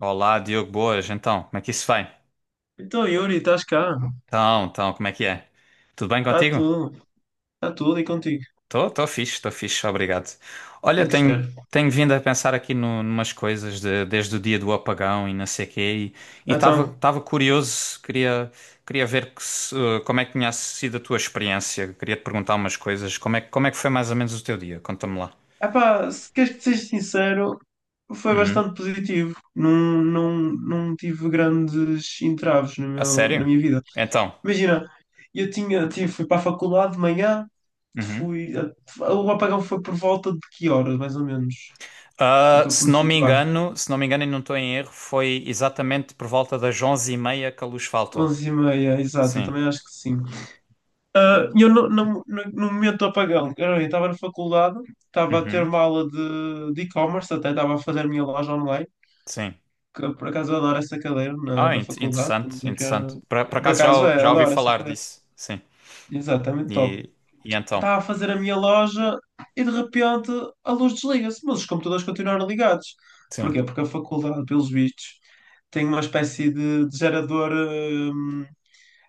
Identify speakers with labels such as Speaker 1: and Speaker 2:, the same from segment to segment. Speaker 1: Olá, Diogo, boas. Então, como é que isso vai?
Speaker 2: Então, Yuri, estás cá?
Speaker 1: Então, como é que é? Tudo bem
Speaker 2: Está
Speaker 1: contigo?
Speaker 2: tudo, está tudo e contigo.
Speaker 1: Estou fixe, estou fixe, obrigado. Olha,
Speaker 2: Tem que ser.
Speaker 1: tenho vindo a pensar aqui no, numas coisas desde o dia do apagão e não sei quê, e estava
Speaker 2: Então,
Speaker 1: estava curioso, queria ver que se- como é que tinha sido a tua experiência, queria te perguntar umas coisas, como é, como é que foi mais ou menos o teu dia? Conta-me lá.
Speaker 2: epá, se queres que te seja sincero, foi
Speaker 1: Uhum.
Speaker 2: bastante positivo. Não, não, não tive grandes entraves no
Speaker 1: A
Speaker 2: meu, na
Speaker 1: sério?
Speaker 2: minha vida.
Speaker 1: Então.
Speaker 2: Imagina, fui para a faculdade de manhã.
Speaker 1: Uhum.
Speaker 2: fui, o apagão foi por volta de que horas, mais ou menos? Que é
Speaker 1: Ah,
Speaker 2: para
Speaker 1: se
Speaker 2: me
Speaker 1: não me
Speaker 2: situar.
Speaker 1: engano, se não me engano e não estou em erro, foi exatamente por volta das onze e meia que a luz faltou.
Speaker 2: 11:30, exato, eu
Speaker 1: Sim.
Speaker 2: também acho que sim. Ah, e eu no momento do apagão, cara, eu estava na faculdade, estava a ter
Speaker 1: Uhum.
Speaker 2: uma aula de, e-commerce, até estava a fazer a minha loja online,
Speaker 1: Sim.
Speaker 2: que eu, por acaso eu adoro essa cadeira na,
Speaker 1: Ah,
Speaker 2: na faculdade, estamos
Speaker 1: interessante,
Speaker 2: a criar.
Speaker 1: interessante. Por
Speaker 2: Por
Speaker 1: acaso
Speaker 2: acaso é,
Speaker 1: já ouvi
Speaker 2: adoro essa
Speaker 1: falar
Speaker 2: cadeira.
Speaker 1: disso. Sim.
Speaker 2: Exatamente, top.
Speaker 1: E, e então?
Speaker 2: Estava a fazer a minha loja e de repente a luz desliga-se, mas os computadores continuaram ligados.
Speaker 1: Sim.
Speaker 2: Porquê? Porque a faculdade, pelos vistos, tem uma espécie de gerador.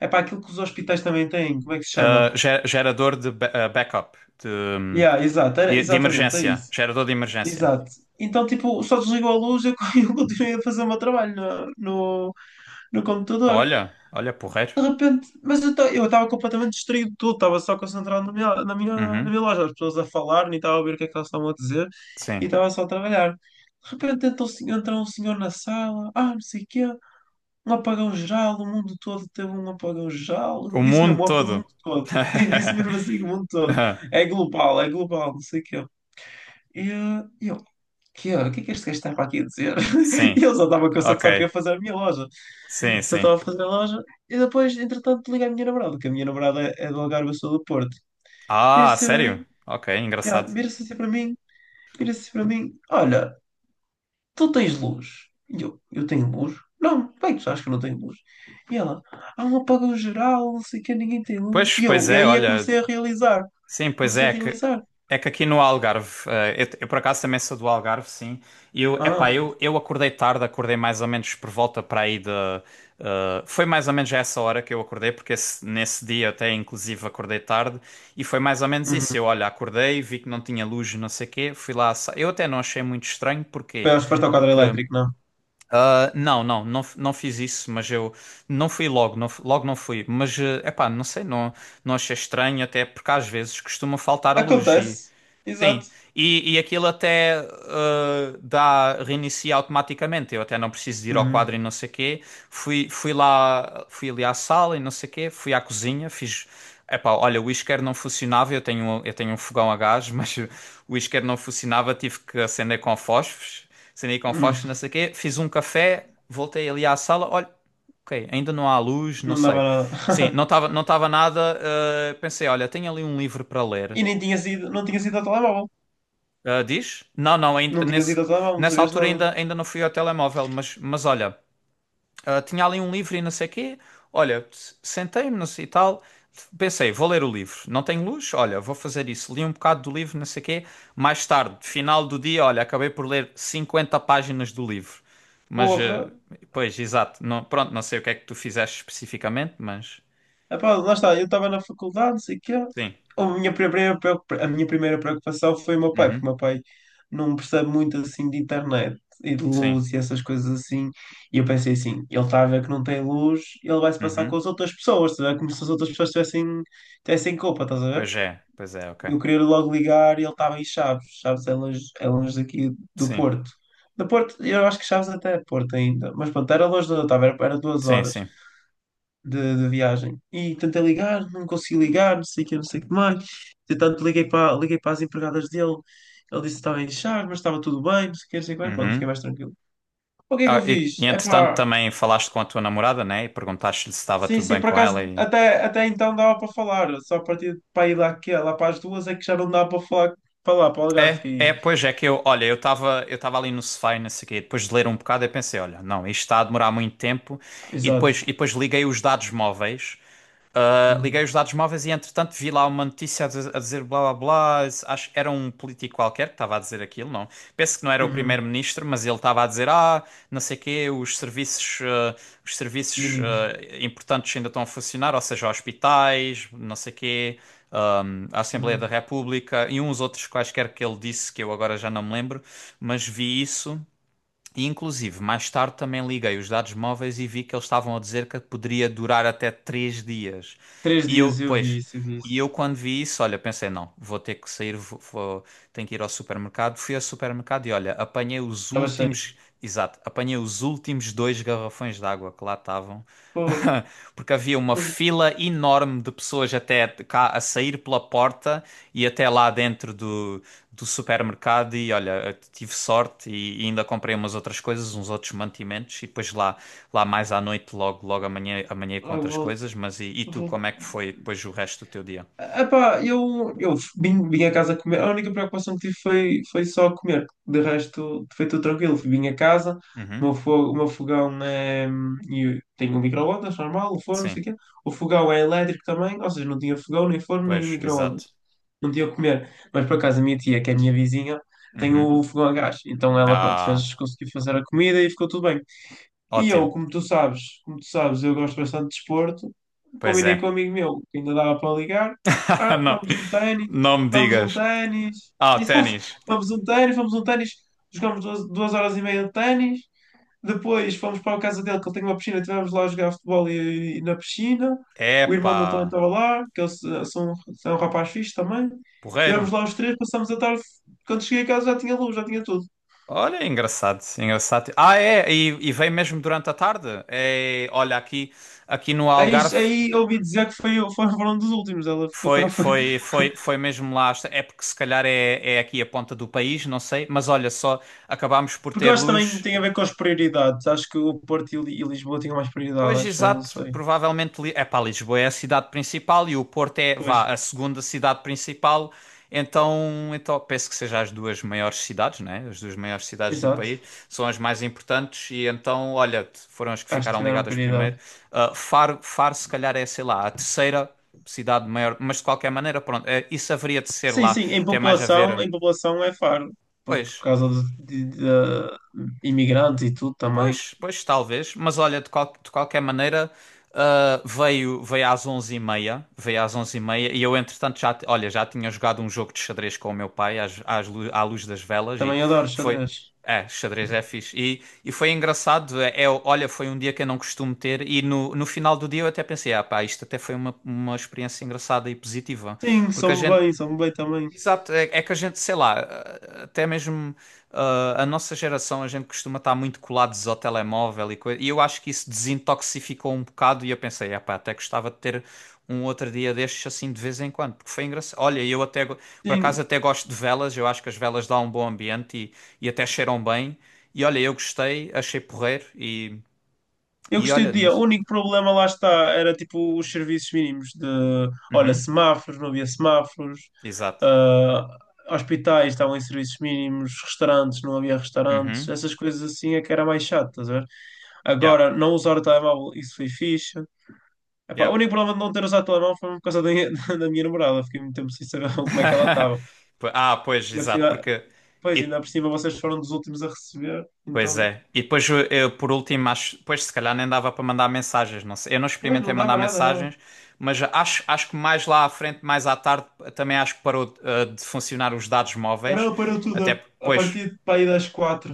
Speaker 2: É para aquilo que os hospitais também têm, como é que se chama?
Speaker 1: Ah, gerador de backup, de,
Speaker 2: Yeah, exato, era,
Speaker 1: de
Speaker 2: exatamente, é
Speaker 1: emergência.
Speaker 2: isso.
Speaker 1: Gerador de emergência.
Speaker 2: Exato. Então, tipo, só desligou a luz e eu eu continuei a fazer o meu trabalho no computador.
Speaker 1: Olha, olha, porreiro.
Speaker 2: De repente, mas eu estava completamente distraído de tudo, estava só concentrado na minha, na minha, na
Speaker 1: Uhum.
Speaker 2: minha loja, as pessoas a falar, nem estava a ouvir o que é que elas estavam a dizer e
Speaker 1: Sim.
Speaker 2: estava só a trabalhar. De repente entra um senhor na sala, ah, não sei o quê, um apagão geral, o mundo todo teve um apagão geral.
Speaker 1: O
Speaker 2: Eu disse
Speaker 1: mundo
Speaker 2: mesmo, o mundo
Speaker 1: todo.
Speaker 2: todo. Sim, disse mesmo assim, o mundo todo. É global, não sei o quê. E eu, que, olha, o que é que este gajo está para aqui a dizer?
Speaker 1: Sim.
Speaker 2: E ele só estava cansado,
Speaker 1: Ok.
Speaker 2: só queria fazer a minha loja.
Speaker 1: Sim,
Speaker 2: Só
Speaker 1: sim.
Speaker 2: estava a fazer a loja. E depois, entretanto, liga a minha namorada, que a minha namorada é do Algarve, eu sou do Porto.
Speaker 1: Ah,
Speaker 2: Vira-se assim para
Speaker 1: sério?
Speaker 2: mim.
Speaker 1: Ok,
Speaker 2: já,
Speaker 1: engraçado.
Speaker 2: vira-se assim para mim, Olha, tu tens luz. E eu tenho luz? Não, bem, tu sabes que eu não tenho luz. E ela, há um apagão geral, não sei o que, ninguém tem luz.
Speaker 1: Pois,
Speaker 2: E
Speaker 1: pois
Speaker 2: eu, e
Speaker 1: é,
Speaker 2: aí é que
Speaker 1: olha.
Speaker 2: comecei a realizar.
Speaker 1: Sim, pois
Speaker 2: Comecei
Speaker 1: é,
Speaker 2: a realizar.
Speaker 1: é que aqui no Algarve, eu por acaso também sou do Algarve, sim. E eu, epá,
Speaker 2: Ah,
Speaker 1: eu acordei tarde, acordei mais ou menos por volta para aí de. Foi mais ou menos a essa hora que eu acordei, porque nesse dia até inclusive acordei tarde, e foi mais ou menos isso.
Speaker 2: uhum.
Speaker 1: Eu, olha, acordei, vi que não tinha luz, não sei o quê, fui lá. Eu até não achei muito estranho, porquê?
Speaker 2: Foi, acho que foste ao quadro
Speaker 1: Porque.
Speaker 2: elétrico, não?
Speaker 1: Ah, não, não fiz isso, mas eu não fui logo, não fui. Mas, é epá, não sei, não, não achei estranho, até porque às vezes costuma faltar a luz.
Speaker 2: Acontece.
Speaker 1: Sim,
Speaker 2: Exato.
Speaker 1: e aquilo até reinicia automaticamente. Eu até não preciso de ir ao quadro e
Speaker 2: Uhum.
Speaker 1: não sei quê. Fui lá, fui ali à sala e não sei quê. Fui à cozinha, fiz. Epá, olha, o isqueiro não funcionava. Eu tenho um fogão a gás, mas o isqueiro não funcionava. Tive que acender com fósforos, acendi com
Speaker 2: Uhum.
Speaker 1: fósforos, não sei quê. Fiz um café, voltei ali à sala. Olha, ok, ainda não há luz, não
Speaker 2: Não
Speaker 1: sei.
Speaker 2: dava nada.
Speaker 1: Sim, não estava nada. Ah, pensei, olha, tenho ali um livro para ler.
Speaker 2: E nem tinha sido, Não tinha sido ao telemóvel.
Speaker 1: Ah, diz? Não, não, ainda,
Speaker 2: Não tinha sido
Speaker 1: nesse,
Speaker 2: ao telemóvel, não
Speaker 1: nessa
Speaker 2: sabias
Speaker 1: altura
Speaker 2: nada.
Speaker 1: ainda, ainda não fui ao telemóvel, mas olha, ah, tinha ali um livro e não sei o quê. Olha, sentei-me não sei e tal, pensei, vou ler o livro. Não tenho luz? Olha, vou fazer isso. Li um bocado do livro, não sei o quê. Mais tarde, final do dia, olha, acabei por ler 50 páginas do livro. Mas, ah,
Speaker 2: Porra.
Speaker 1: pois, exato. Não, pronto, não sei o que é que tu fizeste especificamente, mas.
Speaker 2: Epá, lá está, eu estava na faculdade, não sei o quê.
Speaker 1: Sim.
Speaker 2: A minha primeira preocupação foi o meu pai,
Speaker 1: Uhum.
Speaker 2: porque o meu pai não percebe muito assim de internet e de
Speaker 1: Sim.
Speaker 2: luz e essas coisas assim. E eu pensei assim, ele está a ver que não tem luz, ele vai se passar com
Speaker 1: Uhum.
Speaker 2: as outras pessoas, estás a ver? Como se as outras pessoas tivessem, culpa, estás a ver?
Speaker 1: Pois é, ok.
Speaker 2: Eu queria logo ligar e ele estava em Chaves. Chaves é longe daqui do
Speaker 1: Sim,
Speaker 2: Porto. Do Porto, eu acho que Chaves até é Porto ainda. Mas pronto, era longe de onde eu estava, era duas
Speaker 1: sim,
Speaker 2: horas
Speaker 1: sim.
Speaker 2: de viagem. E tentei ligar, não consegui ligar, não sei o que, não sei o que mais. Entretanto, liguei para, as empregadas dele. Ele disse que estava em charge, mas estava tudo bem, não sei o que, não sei o que mais. Pronto, fiquei
Speaker 1: Uhum.
Speaker 2: mais tranquilo. O que é que eu
Speaker 1: Ah,
Speaker 2: fiz?
Speaker 1: e
Speaker 2: É
Speaker 1: entretanto
Speaker 2: pá,
Speaker 1: também falaste com a tua namorada, né? E perguntaste-lhe se estava
Speaker 2: sim,
Speaker 1: tudo
Speaker 2: sim,
Speaker 1: bem
Speaker 2: por
Speaker 1: com
Speaker 2: acaso
Speaker 1: ela e...
Speaker 2: até então dava para falar, só a partir de para ir lá, que, lá para as duas é que já não dava para falar para lá, para o Algarve.
Speaker 1: É,
Speaker 2: Fiquei.
Speaker 1: é, pois é que eu, olha, eu estava ali no sofá e não sei o quê, e depois de ler um bocado eu pensei, olha, não, isto está a demorar muito tempo
Speaker 2: Exato.
Speaker 1: e depois liguei os dados móveis. Liguei
Speaker 2: Hum,
Speaker 1: os dados móveis e, entretanto, vi lá uma notícia a dizer blá blá blá. Acho que era um político qualquer que estava a dizer aquilo, não? Penso que não era o
Speaker 2: uhum,
Speaker 1: primeiro-ministro, mas ele estava a dizer: Ah, não sei o quê, os serviços
Speaker 2: mínimos.
Speaker 1: importantes ainda estão a funcionar, ou seja, hospitais, não sei o quê, a Assembleia da
Speaker 2: Uhum.
Speaker 1: República e uns outros quaisquer que ele disse que eu agora já não me lembro, mas vi isso. E inclusive, mais tarde também liguei os dados móveis e vi que eles estavam a dizer que poderia durar até três dias.
Speaker 2: Três
Speaker 1: E eu,
Speaker 2: dias eu vi
Speaker 1: pois,
Speaker 2: isso, eu vi
Speaker 1: e
Speaker 2: isso.
Speaker 1: eu quando vi isso, olha, pensei, não, vou ter que sair, tenho que ir ao supermercado. Fui ao supermercado e olha,
Speaker 2: Estava cheio.
Speaker 1: exato, apanhei os últimos dois garrafões de água que lá estavam.
Speaker 2: Porra.
Speaker 1: Porque havia uma
Speaker 2: Hum,
Speaker 1: fila enorme de pessoas até cá a sair pela porta e até lá dentro do supermercado e olha, tive sorte e ainda comprei umas outras coisas, uns outros mantimentos e depois lá mais à noite, logo amanhã, amanhã com
Speaker 2: Logo
Speaker 1: outras
Speaker 2: volto.
Speaker 1: coisas. Mas e tu, como é que foi depois o resto do teu dia?
Speaker 2: Epá, eu, vim a casa comer. A única preocupação que tive foi só comer. De resto, foi tudo tranquilo. Vim a casa, o
Speaker 1: Uhum,
Speaker 2: meu, fo- o meu fogão é. E tenho um micro-ondas normal, o forno, não
Speaker 1: sim,
Speaker 2: sei o quê. O fogão é elétrico também, ou seja, não tinha fogão, nem forno, nem
Speaker 1: pois,
Speaker 2: micro-ondas.
Speaker 1: exato.
Speaker 2: Não tinha o que comer. Mas por acaso a minha tia, que é a minha vizinha, tem
Speaker 1: Uhum.
Speaker 2: o fogão a gás. Então ela, pronto,
Speaker 1: Ah,
Speaker 2: conseguiu fazer a comida e ficou tudo bem. E
Speaker 1: ótimo.
Speaker 2: eu, como tu sabes, eu gosto bastante de desporto.
Speaker 1: Pois
Speaker 2: Combinei com um
Speaker 1: é.
Speaker 2: amigo meu que ainda dava para ligar. Ah,
Speaker 1: Não,
Speaker 2: vamos um ténis,
Speaker 1: não me
Speaker 2: vamos um
Speaker 1: digas.
Speaker 2: ténis.
Speaker 1: Ah,
Speaker 2: Exato,
Speaker 1: ténis.
Speaker 2: vamos um ténis, vamos um ténis. Jogamos 2 horas e meia de ténis. Depois fomos para a casa dele, que ele tem uma piscina. Estivemos lá a jogar futebol e na piscina. O irmão dele também
Speaker 1: Epá,
Speaker 2: estava lá, que eles são um rapaz fixe também.
Speaker 1: porreiro.
Speaker 2: Estivemos lá os três, passamos a tarde. Quando cheguei a casa já tinha luz, já tinha tudo.
Speaker 1: Olha, engraçado, engraçado. Ah, é, e vem mesmo durante a tarde. É, olha, aqui, aqui no
Speaker 2: Aí,
Speaker 1: Algarve.
Speaker 2: aí ouvi dizer que foram dos últimos. Ela ficou, tá.
Speaker 1: Foi, foi, foi, foi mesmo lá. É porque se calhar é, é aqui a ponta do país, não sei. Mas olha só, acabámos por
Speaker 2: Porque eu
Speaker 1: ter
Speaker 2: acho que também
Speaker 1: luz.
Speaker 2: tem a ver com as prioridades. Acho que o Porto e Lisboa tinham mais prioridade,
Speaker 1: Pois,
Speaker 2: acho eu, não
Speaker 1: exato.
Speaker 2: sei.
Speaker 1: Provavelmente, é pá, Lisboa é a cidade principal e o Porto é,
Speaker 2: Pois,
Speaker 1: vá, a segunda cidade principal. Então, então penso que sejam as duas maiores cidades, né? As duas maiores cidades do
Speaker 2: exato.
Speaker 1: país são as mais importantes e então, olha, foram as que
Speaker 2: Acho que
Speaker 1: ficaram
Speaker 2: tiveram
Speaker 1: ligadas
Speaker 2: prioridade.
Speaker 1: primeiro. Ah, Faro, Faro, se calhar é, sei lá, a terceira cidade maior, mas de qualquer maneira, pronto, isso haveria de ser
Speaker 2: Sim,
Speaker 1: lá,
Speaker 2: sim,
Speaker 1: tem mais a ver,
Speaker 2: em população é Faro. Por
Speaker 1: pois.
Speaker 2: causa de imigrantes e tudo também.
Speaker 1: Pois, pois, talvez. Mas olha, de qualquer maneira, ah, veio às onze e meia. Veio às onze e meia e eu, entretanto, olha, já tinha jogado um jogo de xadrez com o meu pai à luz das velas e
Speaker 2: Também adoro
Speaker 1: foi.
Speaker 2: xadrez.
Speaker 1: É, xadrez é fixe. E foi engraçado. É, é, olha, foi um dia que eu não costumo ter e no final do dia eu até pensei, ah pá, isto até foi uma experiência engraçada e positiva.
Speaker 2: Sim,
Speaker 1: Porque a gente.
Speaker 2: sou-me bem também.
Speaker 1: Exato, é, é que a gente, sei lá, até mesmo a nossa geração, a gente costuma estar muito colados ao telemóvel e coisa, e eu acho que isso desintoxificou um bocado e eu pensei, epá, até gostava de ter um outro dia destes assim de vez em quando, porque foi engraçado. Olha, por
Speaker 2: Sim,
Speaker 1: acaso até gosto de velas, eu acho que as velas dão um bom ambiente e até cheiram bem, e olha, eu gostei, achei porreiro
Speaker 2: eu
Speaker 1: e
Speaker 2: gostei
Speaker 1: olha,
Speaker 2: do
Speaker 1: não
Speaker 2: dia. O
Speaker 1: sei.
Speaker 2: único problema, lá está, era tipo os serviços mínimos de, olha,
Speaker 1: Uhum,
Speaker 2: semáforos, não havia semáforos,
Speaker 1: exato.
Speaker 2: ah, hospitais estavam em serviços mínimos, restaurantes, não havia restaurantes,
Speaker 1: Uhum,
Speaker 2: essas coisas assim é que era mais chato, estás a ver?
Speaker 1: yeah,
Speaker 2: Agora, não usar o telemóvel, isso foi fixe. Epá, o
Speaker 1: yeah.
Speaker 2: único problema de não ter usado o telemóvel foi por causa da minha namorada, fiquei muito tempo sem saber como é que ela estava.
Speaker 1: Ah, pois,
Speaker 2: Ainda por
Speaker 1: exato,
Speaker 2: cima.
Speaker 1: porque...
Speaker 2: Pois, ainda
Speaker 1: E
Speaker 2: por cima vocês foram dos últimos a receber,
Speaker 1: pois
Speaker 2: então,
Speaker 1: é. E depois, eu, por último, acho, pois se calhar nem dava para mandar mensagens, não sei. Eu não
Speaker 2: pois,
Speaker 1: experimentei
Speaker 2: não
Speaker 1: mandar
Speaker 2: dava nada, nada.
Speaker 1: mensagens, mas acho, acho que mais lá à frente, mais à tarde, também acho que parou, de funcionar os dados móveis.
Speaker 2: Parou
Speaker 1: Até
Speaker 2: tudo
Speaker 1: porque,
Speaker 2: a
Speaker 1: pois,
Speaker 2: partir de para aí das 4.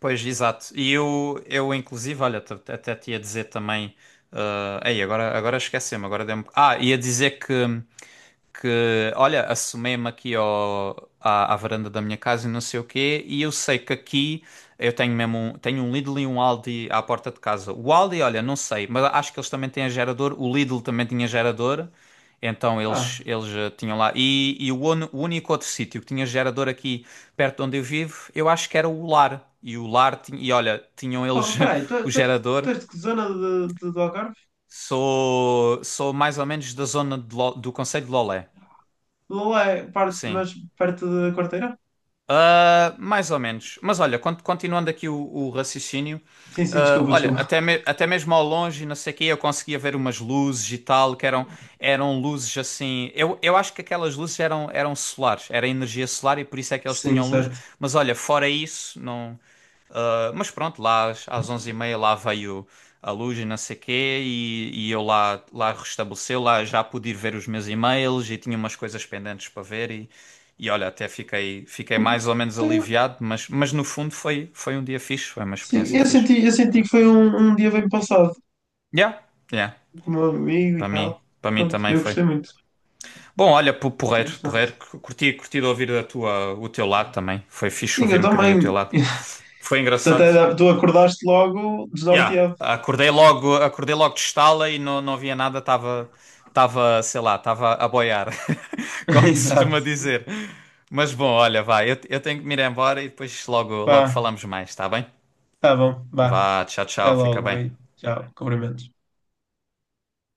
Speaker 1: pois, exato. E eu inclusive, olha, até te ia dizer também. Agora esqueci-me, agora dei-me. Ah, ia dizer que olha, assomei-me aqui à varanda da minha casa e não sei o quê, e eu sei que aqui eu tenho mesmo um, tenho um Lidl e um Aldi à porta de casa. O Aldi, olha, não sei, mas acho que eles também têm gerador, o Lidl também tinha gerador. Então
Speaker 2: Ah,
Speaker 1: eles tinham lá. E, o único outro sítio que tinha gerador aqui perto de onde eu vivo, eu acho que era o Lar. E o Lar, tinha, e olha, tinham
Speaker 2: pá,
Speaker 1: eles
Speaker 2: peraí, tu,
Speaker 1: o
Speaker 2: tu, és,
Speaker 1: gerador.
Speaker 2: tu és de que zona de, do Algarve?
Speaker 1: Sou, sou mais ou menos da zona do Conselho de Lolé.
Speaker 2: Lola é parte,
Speaker 1: Sim.
Speaker 2: mas perto da Quarteira?
Speaker 1: Ah, mais ou menos. Mas olha, continuando aqui o raciocínio,
Speaker 2: Sim, sim,
Speaker 1: ah,
Speaker 2: desculpa,
Speaker 1: olha,
Speaker 2: desculpa.
Speaker 1: até mesmo ao longe, não sei o quê, eu conseguia ver umas luzes e tal, eram luzes assim. Eu acho que aquelas luzes eram solares, era energia solar e por isso é que eles
Speaker 2: Sim,
Speaker 1: tinham luz.
Speaker 2: certo.
Speaker 1: Mas olha, fora isso, não. Mas pronto, lá às 11h30 lá veio a luz e não sei quê, e eu lá, lá restabeleceu, lá já pude ir ver os meus e-mails e tinha umas coisas pendentes para ver e olha, fiquei
Speaker 2: Sim,
Speaker 1: mais ou menos
Speaker 2: foi-
Speaker 1: aliviado, mas no fundo foi, foi um dia fixe, foi uma
Speaker 2: sim,
Speaker 1: experiência fixe.
Speaker 2: eu senti que foi um, dia bem passado
Speaker 1: Yeah, yeah,
Speaker 2: com o meu amigo e tal.
Speaker 1: para mim
Speaker 2: Pronto,
Speaker 1: também
Speaker 2: eu
Speaker 1: foi.
Speaker 2: gostei muito,
Speaker 1: Bom, olha,
Speaker 2: gostei
Speaker 1: porreiro,
Speaker 2: bastante.
Speaker 1: porreiro, curti, curti de ouvir a tua, o teu lado também, foi fixe
Speaker 2: Sim,
Speaker 1: ouvir
Speaker 2: eu
Speaker 1: um bocadinho o
Speaker 2: também.
Speaker 1: teu lado. Foi engraçado.
Speaker 2: Tu acordaste logo
Speaker 1: Yeah.
Speaker 2: desnorteado.
Speaker 1: Acordei logo de estala e não, não havia nada, estava, sei lá, estava a boiar, como que se
Speaker 2: Exato.
Speaker 1: costuma dizer. Mas bom, olha, vai, eu tenho que me ir embora e depois logo, logo
Speaker 2: Pá,
Speaker 1: falamos mais, tá bem?
Speaker 2: tá bom, vá.
Speaker 1: Vá, tchau,
Speaker 2: Até
Speaker 1: tchau, fica
Speaker 2: logo,
Speaker 1: bem.
Speaker 2: beijo. Tchau, cumprimentos.